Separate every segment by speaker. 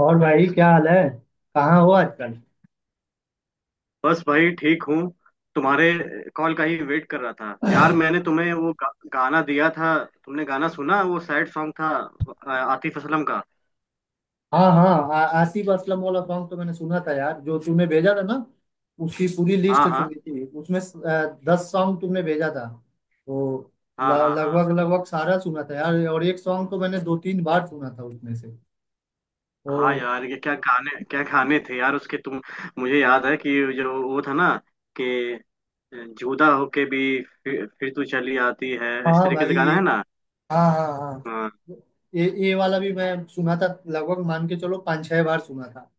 Speaker 1: और भाई क्या हाल है। कहाँ हो आजकल?
Speaker 2: बस भाई ठीक हूँ। तुम्हारे कॉल का ही वेट कर रहा था यार। मैंने तुम्हें वो गाना दिया था, तुमने गाना सुना? वो सैड सॉन्ग था, आतिफ असलम का।
Speaker 1: हाँ हाँ, आसिफ असलम वाला सॉन्ग तो मैंने सुना था यार, जो तूने भेजा था ना। उसकी पूरी
Speaker 2: हाँ
Speaker 1: लिस्ट
Speaker 2: हाँ,
Speaker 1: सुनी थी, उसमें दस सॉन्ग तुमने भेजा था। तो ल-
Speaker 2: हाँ हाँ, हाँ
Speaker 1: लगभग लगभग सारा सुना था यार, और एक सॉन्ग तो मैंने दो तीन बार सुना था उसमें से।
Speaker 2: हाँ
Speaker 1: तो
Speaker 2: यार, ये क्या गाने थे यार उसके, तुम। मुझे याद है कि जो वो था ना, कि जुदा होके भी फिर तू चली आती है, इस
Speaker 1: हाँ
Speaker 2: तरीके से
Speaker 1: भाई
Speaker 2: गाना
Speaker 1: ये,
Speaker 2: है ना।
Speaker 1: हाँ हाँ
Speaker 2: हाँ
Speaker 1: हाँ, ये वाला भी मैं सुना था, लगभग मान के चलो पाँच छह बार सुना था।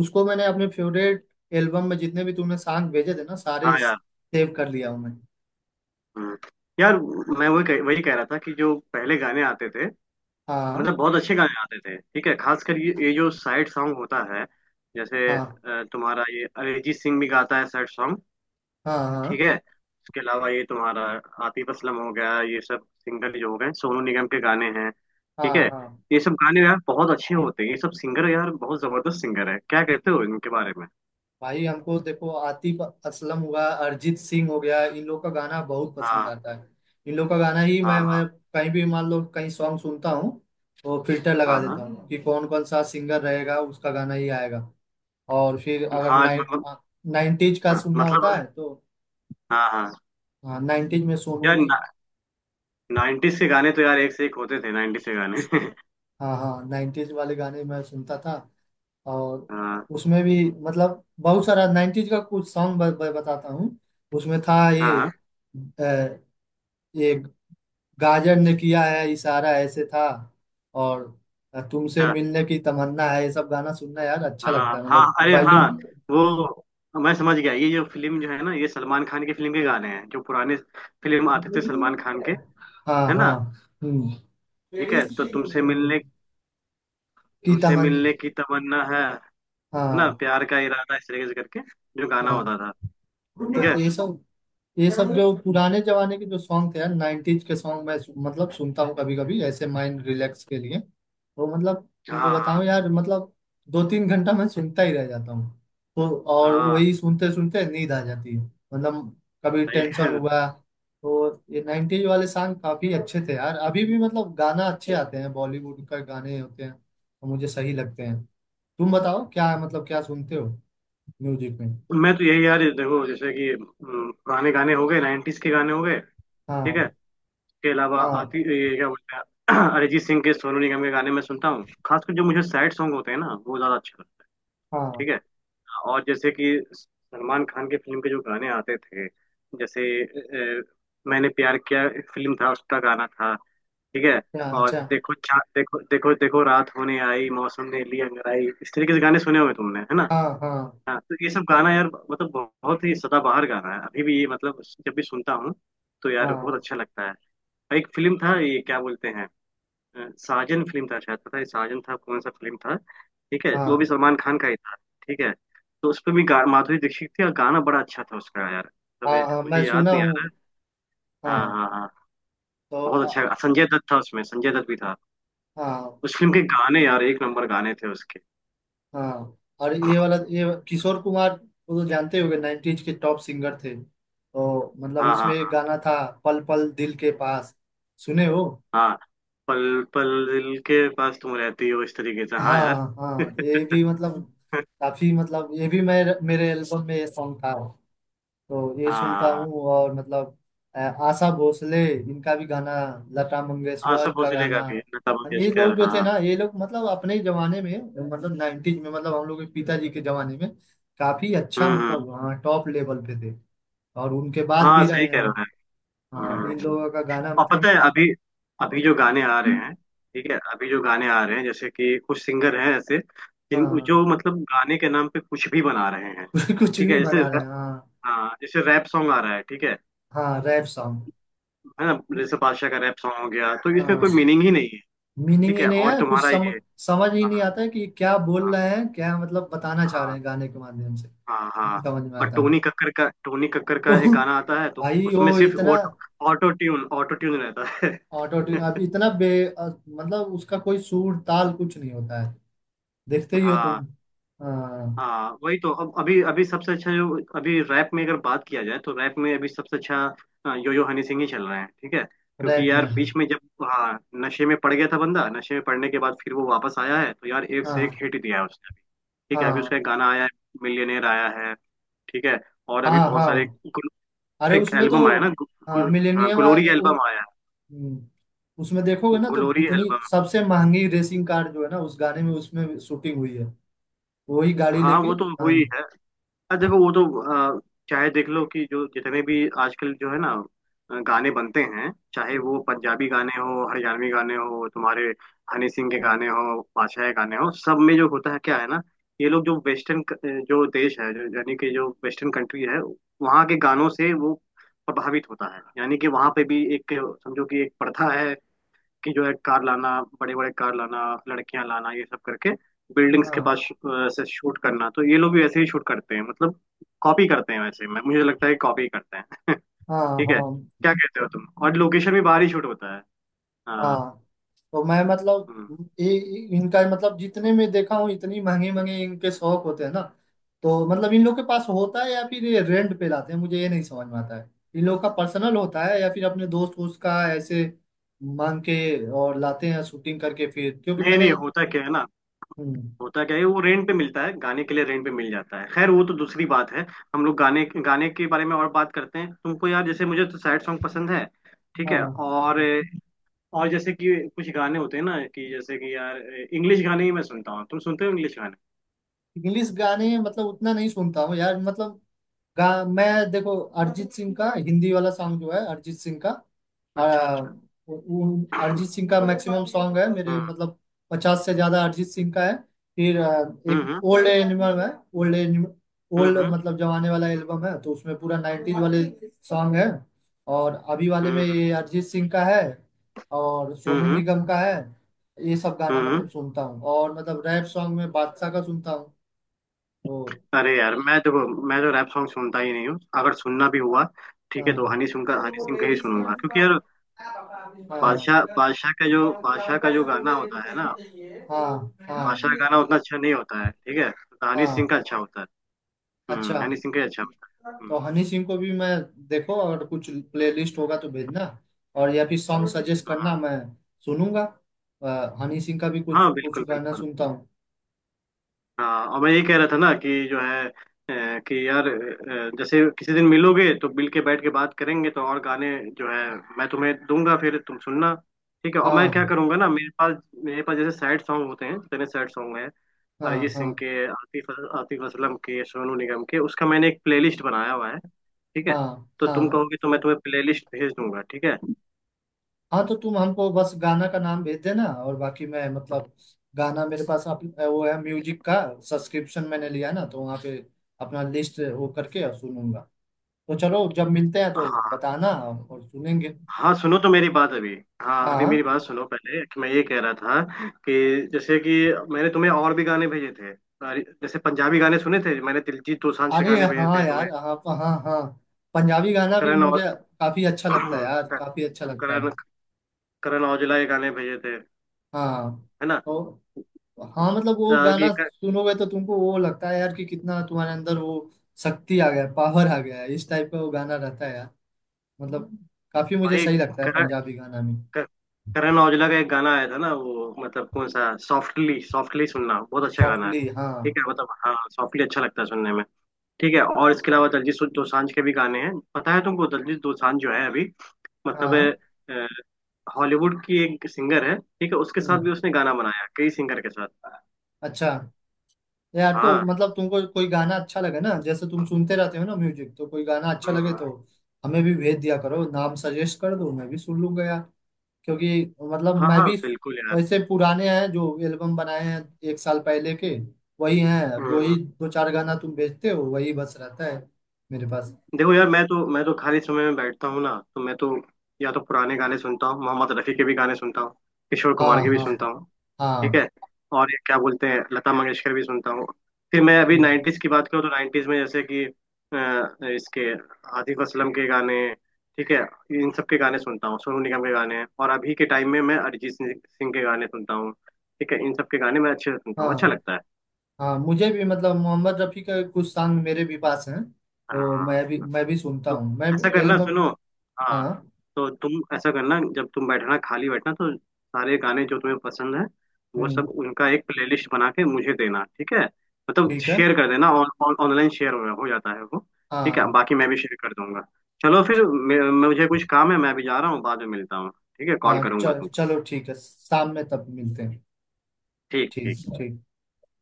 Speaker 1: उसको मैंने अपने फेवरेट एल्बम में जितने भी तुमने सॉन्ग भेजे थे ना, सारे
Speaker 2: हाँ यार।
Speaker 1: सेव कर लिया हूँ मैं।
Speaker 2: हम्म। यार, मैं वही कह रहा था कि जो पहले गाने आते थे, मतलब
Speaker 1: हाँ
Speaker 2: बहुत अच्छे गाने आते थे, ठीक है? खासकर ये जो सैड सॉन्ग होता है, जैसे
Speaker 1: हाँ
Speaker 2: तुम्हारा ये अरिजीत सिंह भी गाता है सैड सॉन्ग।
Speaker 1: हाँ, हाँ
Speaker 2: ठीक है, उसके अलावा ये तुम्हारा आतिफ असलम हो गया, ये सब सिंगर जो हो गए, सोनू निगम के गाने हैं, ठीक
Speaker 1: हाँ
Speaker 2: है।
Speaker 1: हाँ।
Speaker 2: ये सब गाने यार बहुत अच्छे होते हैं, ये सब सिंगर यार बहुत जबरदस्त सिंगर है, क्या कहते हो इनके बारे में?
Speaker 1: भाई हमको देखो, आतिफ असलम हुआ, अरिजीत सिंह हो गया, इन लोग का गाना बहुत पसंद
Speaker 2: हाँ,
Speaker 1: आता है। इन लोग का गाना ही मैं
Speaker 2: हाँ
Speaker 1: मैं कहीं भी, मान लो, कहीं सॉन्ग सुनता हूँ। तो फिल्टर
Speaker 2: हाँ,
Speaker 1: लगा देता
Speaker 2: हाँ
Speaker 1: हूँ कि कौन कौन सा सिंगर रहेगा, उसका गाना ही आएगा। और फिर अगर
Speaker 2: हाँ मतलब,
Speaker 1: नाइन्टीज का
Speaker 2: हाँ
Speaker 1: सुनना होता
Speaker 2: मतलब,
Speaker 1: है तो।
Speaker 2: हाँ हाँ
Speaker 1: हाँ, नाइन्टीज में सोनू
Speaker 2: यार।
Speaker 1: ने।
Speaker 2: नाइन्टीज के गाने तो यार एक से एक होते थे, नाइन्टीज के गाने।
Speaker 1: हाँ हाँ, नाइन्टीज वाले गाने मैं सुनता था। और
Speaker 2: हाँ
Speaker 1: उसमें भी, मतलब बहुत सारा 90s का कुछ सॉन्ग ब, ब, बताता हूँ। उसमें था ये,
Speaker 2: हाँ।
Speaker 1: अ, ये गाजर ने किया है इशारा ऐसे था। और तुमसे
Speaker 2: अच्छा,
Speaker 1: मिलने की तमन्ना है, ये सब गाना सुनना यार अच्छा लगता
Speaker 2: हाँ
Speaker 1: है,
Speaker 2: हाँ
Speaker 1: मतलब
Speaker 2: अरे हाँ,
Speaker 1: बैलूम।
Speaker 2: वो मैं समझ गया। ये जो फिल्म जो है ना, ये सलमान खान की फिल्म के गाने हैं, जो पुराने फिल्म आते थे सलमान खान के, है
Speaker 1: हाँ हाँ,
Speaker 2: ना।
Speaker 1: हम्म,
Speaker 2: ठीक है, तो तुमसे मिलने,
Speaker 1: की
Speaker 2: तुमसे
Speaker 1: तमन्ना।
Speaker 2: मिलने की तमन्ना है ना
Speaker 1: हाँ
Speaker 2: प्यार का इरादा, इस तरीके से करके जो गाना
Speaker 1: हाँ,
Speaker 2: होता था। ठीक है।
Speaker 1: तो ये सब, ये सब जो पुराने जमाने के जो सॉन्ग थे यार, नाइन्टीज के सॉन्ग मैं मतलब सुनता हूँ कभी कभी ऐसे माइंड रिलैक्स के लिए। वो मतलब तुमको
Speaker 2: हाँ हाँ
Speaker 1: बताऊं यार, मतलब दो तीन घंटा मैं सुनता ही रह जाता हूँ। तो और
Speaker 2: हाँ।
Speaker 1: वही सुनते सुनते नींद आ जाती है। मतलब कभी
Speaker 2: सही है।
Speaker 1: टेंशन हुआ तो ये नाइन्टीज वाले सॉन्ग काफी अच्छे थे यार, अभी भी मतलब गाना अच्छे आते हैं, बॉलीवुड का गाने होते हैं तो मुझे सही लगते हैं। तुम बताओ, क्या मतलब क्या सुनते हो म्यूजिक में?
Speaker 2: मैं तो यही यार, देखो जैसे कि पुराने गाने हो गए, नाइन्टीज के गाने हो गए, ठीक है।
Speaker 1: हाँ
Speaker 2: इसके अलावा
Speaker 1: हाँ
Speaker 2: आती ये क्या बोलते हैं अरिजीत सिंह के, सोनू निगम के गाने मैं सुनता हूँ, खासकर जो मुझे सैड सॉन्ग होते हैं ना वो ज्यादा अच्छे।
Speaker 1: हाँ,
Speaker 2: ठीक है, और जैसे कि सलमान खान के फिल्म के जो गाने आते थे, जैसे अ, मैंने प्यार किया फिल्म था, उसका गाना था, ठीक है।
Speaker 1: अच्छा
Speaker 2: और
Speaker 1: अच्छा,
Speaker 2: देखो, देखो देखो देखो, रात होने आई मौसम ने ली अंगड़ाई, इस तरीके से गाने सुने होंगे तुमने, है ना।
Speaker 1: हाँ हाँ
Speaker 2: हाँ, तो ये सब गाना यार, मतलब बहुत ही सदाबहार गाना है, अभी भी ये मतलब जब भी सुनता हूँ तो यार बहुत
Speaker 1: हाँ,
Speaker 2: अच्छा लगता है। एक फिल्म था, ये क्या बोलते हैं, साजन फिल्म था शायद, पता है साजन, था कौन सा फिल्म था। ठीक है, वो भी
Speaker 1: हाँ
Speaker 2: सलमान खान का ही था। ठीक है, तो उस पे भी माधुरी दीक्षित थी, और गाना बड़ा अच्छा था उसका यार। तब
Speaker 1: हाँ हाँ, मैं
Speaker 2: मुझे याद
Speaker 1: सुना
Speaker 2: नहीं
Speaker 1: हूँ।
Speaker 2: आ रहा।
Speaker 1: हाँ,
Speaker 2: हाँ हाँ हाँ।
Speaker 1: तो
Speaker 2: बहुत अच्छा, संजय दत्त था उसमें, संजय दत्त भी था।
Speaker 1: हाँ
Speaker 2: उस फिल्म के गाने यार एक नंबर गाने थे उसके।
Speaker 1: हाँ। और ये वाला, ये किशोर कुमार, वो तो जानते होंगे 90s के टॉप सिंगर थे, तो मतलब
Speaker 2: हाँ
Speaker 1: इसमें
Speaker 2: हाँ,
Speaker 1: एक गाना था। पल पल दिल के पास, सुने हो?
Speaker 2: हाँ हाँ। पल पल दिल के पास तुम रहती हो, इस तरीके से, हाँ यार।
Speaker 1: हाँ हाँ, ये भी मतलब, काफी मतलब, ये भी मैं मेरे एल्बम में ये सॉन्ग था। तो ये
Speaker 2: हाँ
Speaker 1: सुनता
Speaker 2: हाँ।
Speaker 1: हूँ और मतलब, आशा भोसले इनका भी गाना, लता मंगेशकर
Speaker 2: आसफ
Speaker 1: का
Speaker 2: भोसले का
Speaker 1: गाना।
Speaker 2: भी, लता
Speaker 1: ये लोग
Speaker 2: मंगेशकर,
Speaker 1: जो
Speaker 2: हाँ।
Speaker 1: थे ना, ये लोग मतलब अपने ही जमाने में, मतलब नाइन्टीज में, मतलब हम लोग के पिताजी के जमाने में, काफी अच्छा
Speaker 2: हम्म।
Speaker 1: मतलब, हाँ टॉप लेवल पे थे। और उनके बाद
Speaker 2: हाँ
Speaker 1: भी
Speaker 2: सही
Speaker 1: रहे
Speaker 2: कह
Speaker 1: हैं।
Speaker 2: रहे
Speaker 1: हाँ,
Speaker 2: हैं।
Speaker 1: इन लोगों का गाना
Speaker 2: और
Speaker 1: मतलब
Speaker 2: पता है
Speaker 1: मुझे।
Speaker 2: अभी, अभी जो गाने आ रहे हैं, ठीक है अभी जो गाने आ रहे हैं, जैसे कि कुछ सिंगर हैं ऐसे, जिन
Speaker 1: हाँ
Speaker 2: जो मतलब गाने के नाम पे कुछ भी बना रहे हैं।
Speaker 1: कुछ
Speaker 2: ठीक है,
Speaker 1: भी बना रहे हैं, हाँ।
Speaker 2: हाँ जैसे रैप सॉन्ग आ रहा है, ठीक है
Speaker 1: हाँ, रैप सॉन्ग,
Speaker 2: है ना। जैसे बादशाह का रैप सॉन्ग हो गया, तो इसमें
Speaker 1: हाँ।
Speaker 2: कोई मीनिंग ही नहीं है।
Speaker 1: मीनिंग
Speaker 2: ठीक
Speaker 1: ही
Speaker 2: है,
Speaker 1: नहीं
Speaker 2: और
Speaker 1: है, कुछ
Speaker 2: तुम्हारा ये,
Speaker 1: समझ ही
Speaker 2: हाँ,
Speaker 1: नहीं आता है कि क्या
Speaker 2: हाँ
Speaker 1: बोल रहे हैं, क्या मतलब बताना चाह रहे
Speaker 2: हाँ,
Speaker 1: हैं गाने के माध्यम से।
Speaker 2: हाँ
Speaker 1: नहीं
Speaker 2: हाँ।
Speaker 1: समझ में
Speaker 2: और
Speaker 1: आता है।
Speaker 2: टोनी कक्कर का, टोनी कक्कर
Speaker 1: तो
Speaker 2: का एक गाना आता है, तो
Speaker 1: भाई, वो
Speaker 2: उसमें सिर्फ
Speaker 1: इतना
Speaker 2: auto, auto tune, auto tune रहता है।
Speaker 1: ऑटो ट्यून, अब इतना मतलब उसका कोई सुर ताल कुछ नहीं होता है। देखते ही हो
Speaker 2: हाँ
Speaker 1: तुम?
Speaker 2: हाँ, वही तो। अब अभी अभी सबसे अच्छा जो अभी रैप में अगर बात किया जाए, तो रैप में अभी सबसे अच्छा यो यो हनी सिंह ही चल रहे हैं, ठीक है।
Speaker 1: रैप
Speaker 2: क्योंकि
Speaker 1: में,
Speaker 2: यार
Speaker 1: हाँ।
Speaker 2: बीच में जब, हाँ, नशे में पड़ गया था बंदा, नशे में पड़ने के बाद फिर वो वापस आया है, तो यार एक से एक
Speaker 1: हाँ
Speaker 2: हिट दिया है उसने अभी। ठीक है, अभी उसका
Speaker 1: हाँ
Speaker 2: एक गाना आया है, मिलियनेयर आया है, ठीक है। और अभी
Speaker 1: हाँ
Speaker 2: बहुत सारे
Speaker 1: हाँ, अरे
Speaker 2: एक
Speaker 1: उसमें तो
Speaker 2: एल्बम आया ना, गु, गु, हाँ
Speaker 1: मिलेनियम,
Speaker 2: ग्लोरी एल्बम आया
Speaker 1: उसमें देखोगे
Speaker 2: है,
Speaker 1: ना, तो
Speaker 2: ग्लोरी
Speaker 1: इतनी
Speaker 2: एल्बम।
Speaker 1: सबसे महंगी रेसिंग कार जो है ना, उस गाने में उसमें शूटिंग हुई है। वही गाड़ी
Speaker 2: हाँ
Speaker 1: लेके।
Speaker 2: वो तो
Speaker 1: हाँ
Speaker 2: हुई है। देखो वो तो, अ, चाहे देख लो कि जो जितने भी आजकल जो है ना, गाने बनते हैं, चाहे वो पंजाबी गाने हो, हरियाणवी गाने हो, तुम्हारे हनी सिंह के गाने हो, बादशाह के गाने हो, सब में जो होता है क्या है ना, ये लोग जो वेस्टर्न जो देश है, जो यानी कि जो वेस्टर्न कंट्री है, वहाँ के गानों से वो प्रभावित होता है। यानी कि वहाँ पे भी एक, समझो कि एक प्रथा है कि जो है कार लाना, बड़े बड़े कार लाना, लड़कियां लाना, ये सब करके बिल्डिंग्स के
Speaker 1: हाँ
Speaker 2: पास से शूट करना। तो ये लोग भी वैसे ही शूट करते हैं, मतलब कॉपी करते हैं, वैसे मैं मुझे लगता है कॉपी करते हैं।
Speaker 1: हाँ
Speaker 2: ठीक है,
Speaker 1: हाँ
Speaker 2: क्या कहते हो तुम? और लोकेशन भी बाहर ही शूट होता है, हाँ।
Speaker 1: हाँ, तो मैं मतलब,
Speaker 2: हम्म।
Speaker 1: इनका मतलब जितने में देखा हूँ, इतनी महंगे महंगे इनके शौक होते हैं ना। तो मतलब इन लोग के पास होता है, या फिर ये रेंट पे लाते हैं, मुझे ये नहीं समझ में आता है। इन लोग का पर्सनल होता है, या फिर अपने दोस्त वोस्त का ऐसे मांग के और लाते हैं शूटिंग करके, फिर क्योंकि
Speaker 2: नहीं
Speaker 1: मैंने।
Speaker 2: नहीं होता, क्या है ना,
Speaker 1: हम्म,
Speaker 2: होता क्या है, वो रेंट पे मिलता है, गाने के लिए रेंट पे मिल जाता है। खैर वो तो दूसरी बात है, हम लोग गाने, गाने के बारे में और बात करते हैं। तुमको यार जैसे मुझे तो सैड सॉन्ग पसंद है, ठीक
Speaker 1: हाँ
Speaker 2: है। और
Speaker 1: हाँ,
Speaker 2: और जैसे कि कुछ गाने होते हैं ना कि जैसे कि यार, इंग्लिश गाने ही मैं सुनता हूँ, तुम सुनते हो इंग्लिश गाने?
Speaker 1: इंग्लिश गाने मतलब उतना नहीं सुनता हूँ यार, मतलब गा मैं, देखो, अरिजीत सिंह का हिंदी वाला सॉन्ग जो है अरिजीत सिंह का,
Speaker 2: अच्छा
Speaker 1: आ,
Speaker 2: अच्छा।
Speaker 1: अरिजीत सिंह का मैक्सिमम सॉन्ग है मेरे
Speaker 2: हम्म
Speaker 1: मतलब। 50 से ज्यादा अरिजीत सिंह का है। फिर एक
Speaker 2: हम्म।
Speaker 1: ओल्ड एनिमल है। ओल्ड एनिमल, ओल्ड
Speaker 2: हम्म।
Speaker 1: मतलब जमाने वाला एल्बम है, तो उसमें पूरा नाइनटीज वाले सॉन्ग है। और अभी वाले में
Speaker 2: हम्म
Speaker 1: ये अरिजीत सिंह का है, और सोनू
Speaker 2: हम्म।
Speaker 1: निगम का है। ये सब गाना
Speaker 2: हम्म।
Speaker 1: मतलब
Speaker 2: हम्म।
Speaker 1: सुनता हूँ, और मतलब रैप सॉन्ग में बादशाह का सुनता हूँ। तो
Speaker 2: अरे यार मैं, देखो मैं तो रैप सॉन्ग सुनता ही नहीं हूँ, अगर सुनना भी हुआ, ठीक है, तो
Speaker 1: हाँ
Speaker 2: हनी सिंह का, हनी सिंह का ही सुनूंगा, क्योंकि यार
Speaker 1: हाँ
Speaker 2: बादशाह बादशाह का जो गाना होता है ना,
Speaker 1: हाँ, हाँ
Speaker 2: बादशाह का गाना उतना अच्छा नहीं होता है। ठीक है, तो हनी सिंह
Speaker 1: हाँ,
Speaker 2: का अच्छा होता है।
Speaker 1: अच्छा।
Speaker 2: हम्म, हनी सिंह का ही अच्छा होता है।
Speaker 1: तो
Speaker 2: हम्म।
Speaker 1: हनी सिंह को भी मैं, देखो अगर कुछ प्लेलिस्ट होगा तो भेजना, और या फिर सॉन्ग जरूर जरूर सजेस्ट करना,
Speaker 2: हाँ
Speaker 1: मैं सुनूंगा। हनी सिंह का भी कुछ
Speaker 2: हाँ,
Speaker 1: कुछ
Speaker 2: बिल्कुल
Speaker 1: गाना
Speaker 2: बिल्कुल।
Speaker 1: सुनता हूँ।
Speaker 2: हाँ, और मैं ये कह रहा था ना कि जो है, कि यार जैसे किसी दिन मिलोगे, तो मिल के बैठ के बात करेंगे, तो और गाने जो है मैं तुम्हें दूंगा, फिर तुम सुनना, ठीक है। और मैं क्या
Speaker 1: हाँ
Speaker 2: करूंगा ना, मेरे पास, मेरे पास जैसे सैड सॉन्ग होते हैं, जितने सैड सॉन्ग हैं,
Speaker 1: हाँ
Speaker 2: अरिजीत
Speaker 1: हाँ,
Speaker 2: सिंह के, आतिफ, आतिफ असलम के, सोनू निगम के, उसका मैंने एक प्लेलिस्ट बनाया हुआ है, ठीक है।
Speaker 1: हाँ
Speaker 2: तो तुम
Speaker 1: हाँ
Speaker 2: कहोगे तो मैं तुम्हें प्लेलिस्ट भेज दूंगा, ठीक है।
Speaker 1: हाँ, तो तुम हमको बस गाना का नाम भेज देना, और बाकी मैं मतलब, गाना मेरे पास वो है म्यूजिक का सब्सक्रिप्शन मैंने लिया ना, तो वहाँ पे अपना लिस्ट वो करके और सुनूंगा। तो चलो, जब मिलते हैं तो
Speaker 2: हाँ,
Speaker 1: बताना और सुनेंगे।
Speaker 2: हाँ सुनो तो मेरी बात अभी, हाँ अभी
Speaker 1: हाँ,
Speaker 2: मेरी बात सुनो पहले, कि मैं ये कह रहा था कि जैसे कि, मैंने तुम्हें और भी गाने भेजे थे अरे, जैसे पंजाबी गाने सुने थे, मैंने दिलजीत दोसांझ के
Speaker 1: अरे
Speaker 2: गाने भेजे
Speaker 1: हाँ
Speaker 2: थे तुम्हें,
Speaker 1: यार, हाँ हाँ हाँ, पंजाबी गाना भी
Speaker 2: करण,
Speaker 1: मुझे
Speaker 2: और
Speaker 1: काफी अच्छा लगता है यार, काफी अच्छा लगता है।
Speaker 2: करण, करण औजला के गाने भेजे थे,
Speaker 1: हाँ,
Speaker 2: है ना।
Speaker 1: तो हाँ, मतलब
Speaker 2: अ,
Speaker 1: वो
Speaker 2: कि
Speaker 1: गाना
Speaker 2: क-
Speaker 1: सुनोगे तो तुमको वो लगता है यार कि कितना तुम्हारे अंदर वो शक्ति आ गया, पावर आ गया है, इस टाइप का वो गाना रहता है यार। मतलब काफी मुझे
Speaker 2: भाई
Speaker 1: सही लगता है
Speaker 2: करण,
Speaker 1: पंजाबी गाना में।
Speaker 2: क- करण औजला का एक गाना आया था ना, वो मतलब कौन सा, सॉफ्टली, सॉफ्टली सुनना, बहुत अच्छा गाना है।
Speaker 1: सॉफ्टली, हाँ
Speaker 2: ठीक है, मतलब हाँ सॉफ्टली अच्छा लगता है सुनने में। ठीक है, और इसके अलावा दलजीत दोसांझ के भी गाने हैं, पता है तुमको दलजीत दोसांझ जो है अभी, मतलब,
Speaker 1: हाँ,
Speaker 2: अ, हॉलीवुड की एक सिंगर है, ठीक है, उसके साथ
Speaker 1: हम्म,
Speaker 2: भी उसने गाना बनाया, कई सिंगर के साथ।
Speaker 1: अच्छा। यार तो
Speaker 2: हाँ।
Speaker 1: मतलब, तुमको कोई गाना अच्छा लगे ना, जैसे तुम सुनते रहते हो ना म्यूजिक, तो कोई गाना अच्छा लगे
Speaker 2: हम्म।
Speaker 1: तो हमें भी भेज दिया करो, नाम सजेस्ट कर दो, मैं भी सुन लूंगा यार। क्योंकि मतलब
Speaker 2: हाँ
Speaker 1: मैं
Speaker 2: हाँ, हाँ
Speaker 1: भी
Speaker 2: बिल्कुल यार।
Speaker 1: वैसे पुराने हैं जो एल्बम बनाए हैं, एक साल पहले के, वही हैं।
Speaker 2: हम्म
Speaker 1: जो ही दो चार गाना तुम भेजते हो वही बस रहता है मेरे पास।
Speaker 2: देखो यार, मैं तो, मैं तो खाली समय में बैठता हूँ ना, तो मैं तो या तो पुराने गाने सुनता हूँ, मोहम्मद रफी के भी गाने सुनता हूँ, किशोर
Speaker 1: हाँ
Speaker 2: कुमार के भी सुनता
Speaker 1: हाँ
Speaker 2: हूँ, ठीक
Speaker 1: हाँ,
Speaker 2: है। और ये क्या बोलते हैं, लता मंगेशकर भी सुनता हूँ। फिर मैं अभी
Speaker 1: हम्म,
Speaker 2: नाइन्टीज की बात करूँ, तो नाइन्टीज में जैसे कि इसके आतिफ असलम के गाने, ठीक है, इन सब के गाने सुनता हूँ, सोनू निगम के गाने। और अभी के टाइम में मैं अरिजीत सिंह सिंह के गाने सुनता हूँ, ठीक है। इन सब के गाने मैं अच्छे से सुनता हूँ, अच्छा
Speaker 1: हाँ
Speaker 2: लगता है।
Speaker 1: हाँ, मुझे भी मतलब मोहम्मद रफ़ी का कुछ सॉन्ग मेरे भी पास हैं। तो
Speaker 2: हाँ,
Speaker 1: मैं भी सुनता
Speaker 2: तो
Speaker 1: हूँ मैं
Speaker 2: ऐसा करना,
Speaker 1: एल्बम।
Speaker 2: सुनो हाँ,
Speaker 1: हाँ,
Speaker 2: तो तुम ऐसा करना, जब तुम बैठना, खाली बैठना, तो सारे गाने जो तुम्हें पसंद है, वो सब
Speaker 1: हम्म,
Speaker 2: उनका एक प्लेलिस्ट बना के मुझे देना, ठीक है। मतलब
Speaker 1: ठीक है,
Speaker 2: शेयर कर देना, ऑन ऑनलाइन शेयर हो जाता है वो, ठीक है।
Speaker 1: हाँ
Speaker 2: बाकी मैं भी शेयर कर दूंगा। चलो फिर मुझे कुछ काम है, मैं भी जा रहा हूँ, बाद में मिलता हूँ, ठीक है। कॉल
Speaker 1: हाँ,
Speaker 2: करूंगा
Speaker 1: चल
Speaker 2: तुमको।
Speaker 1: चलो, ठीक है, शाम में तब मिलते हैं।
Speaker 2: ठीक ठीक।
Speaker 1: ठीक ठीक।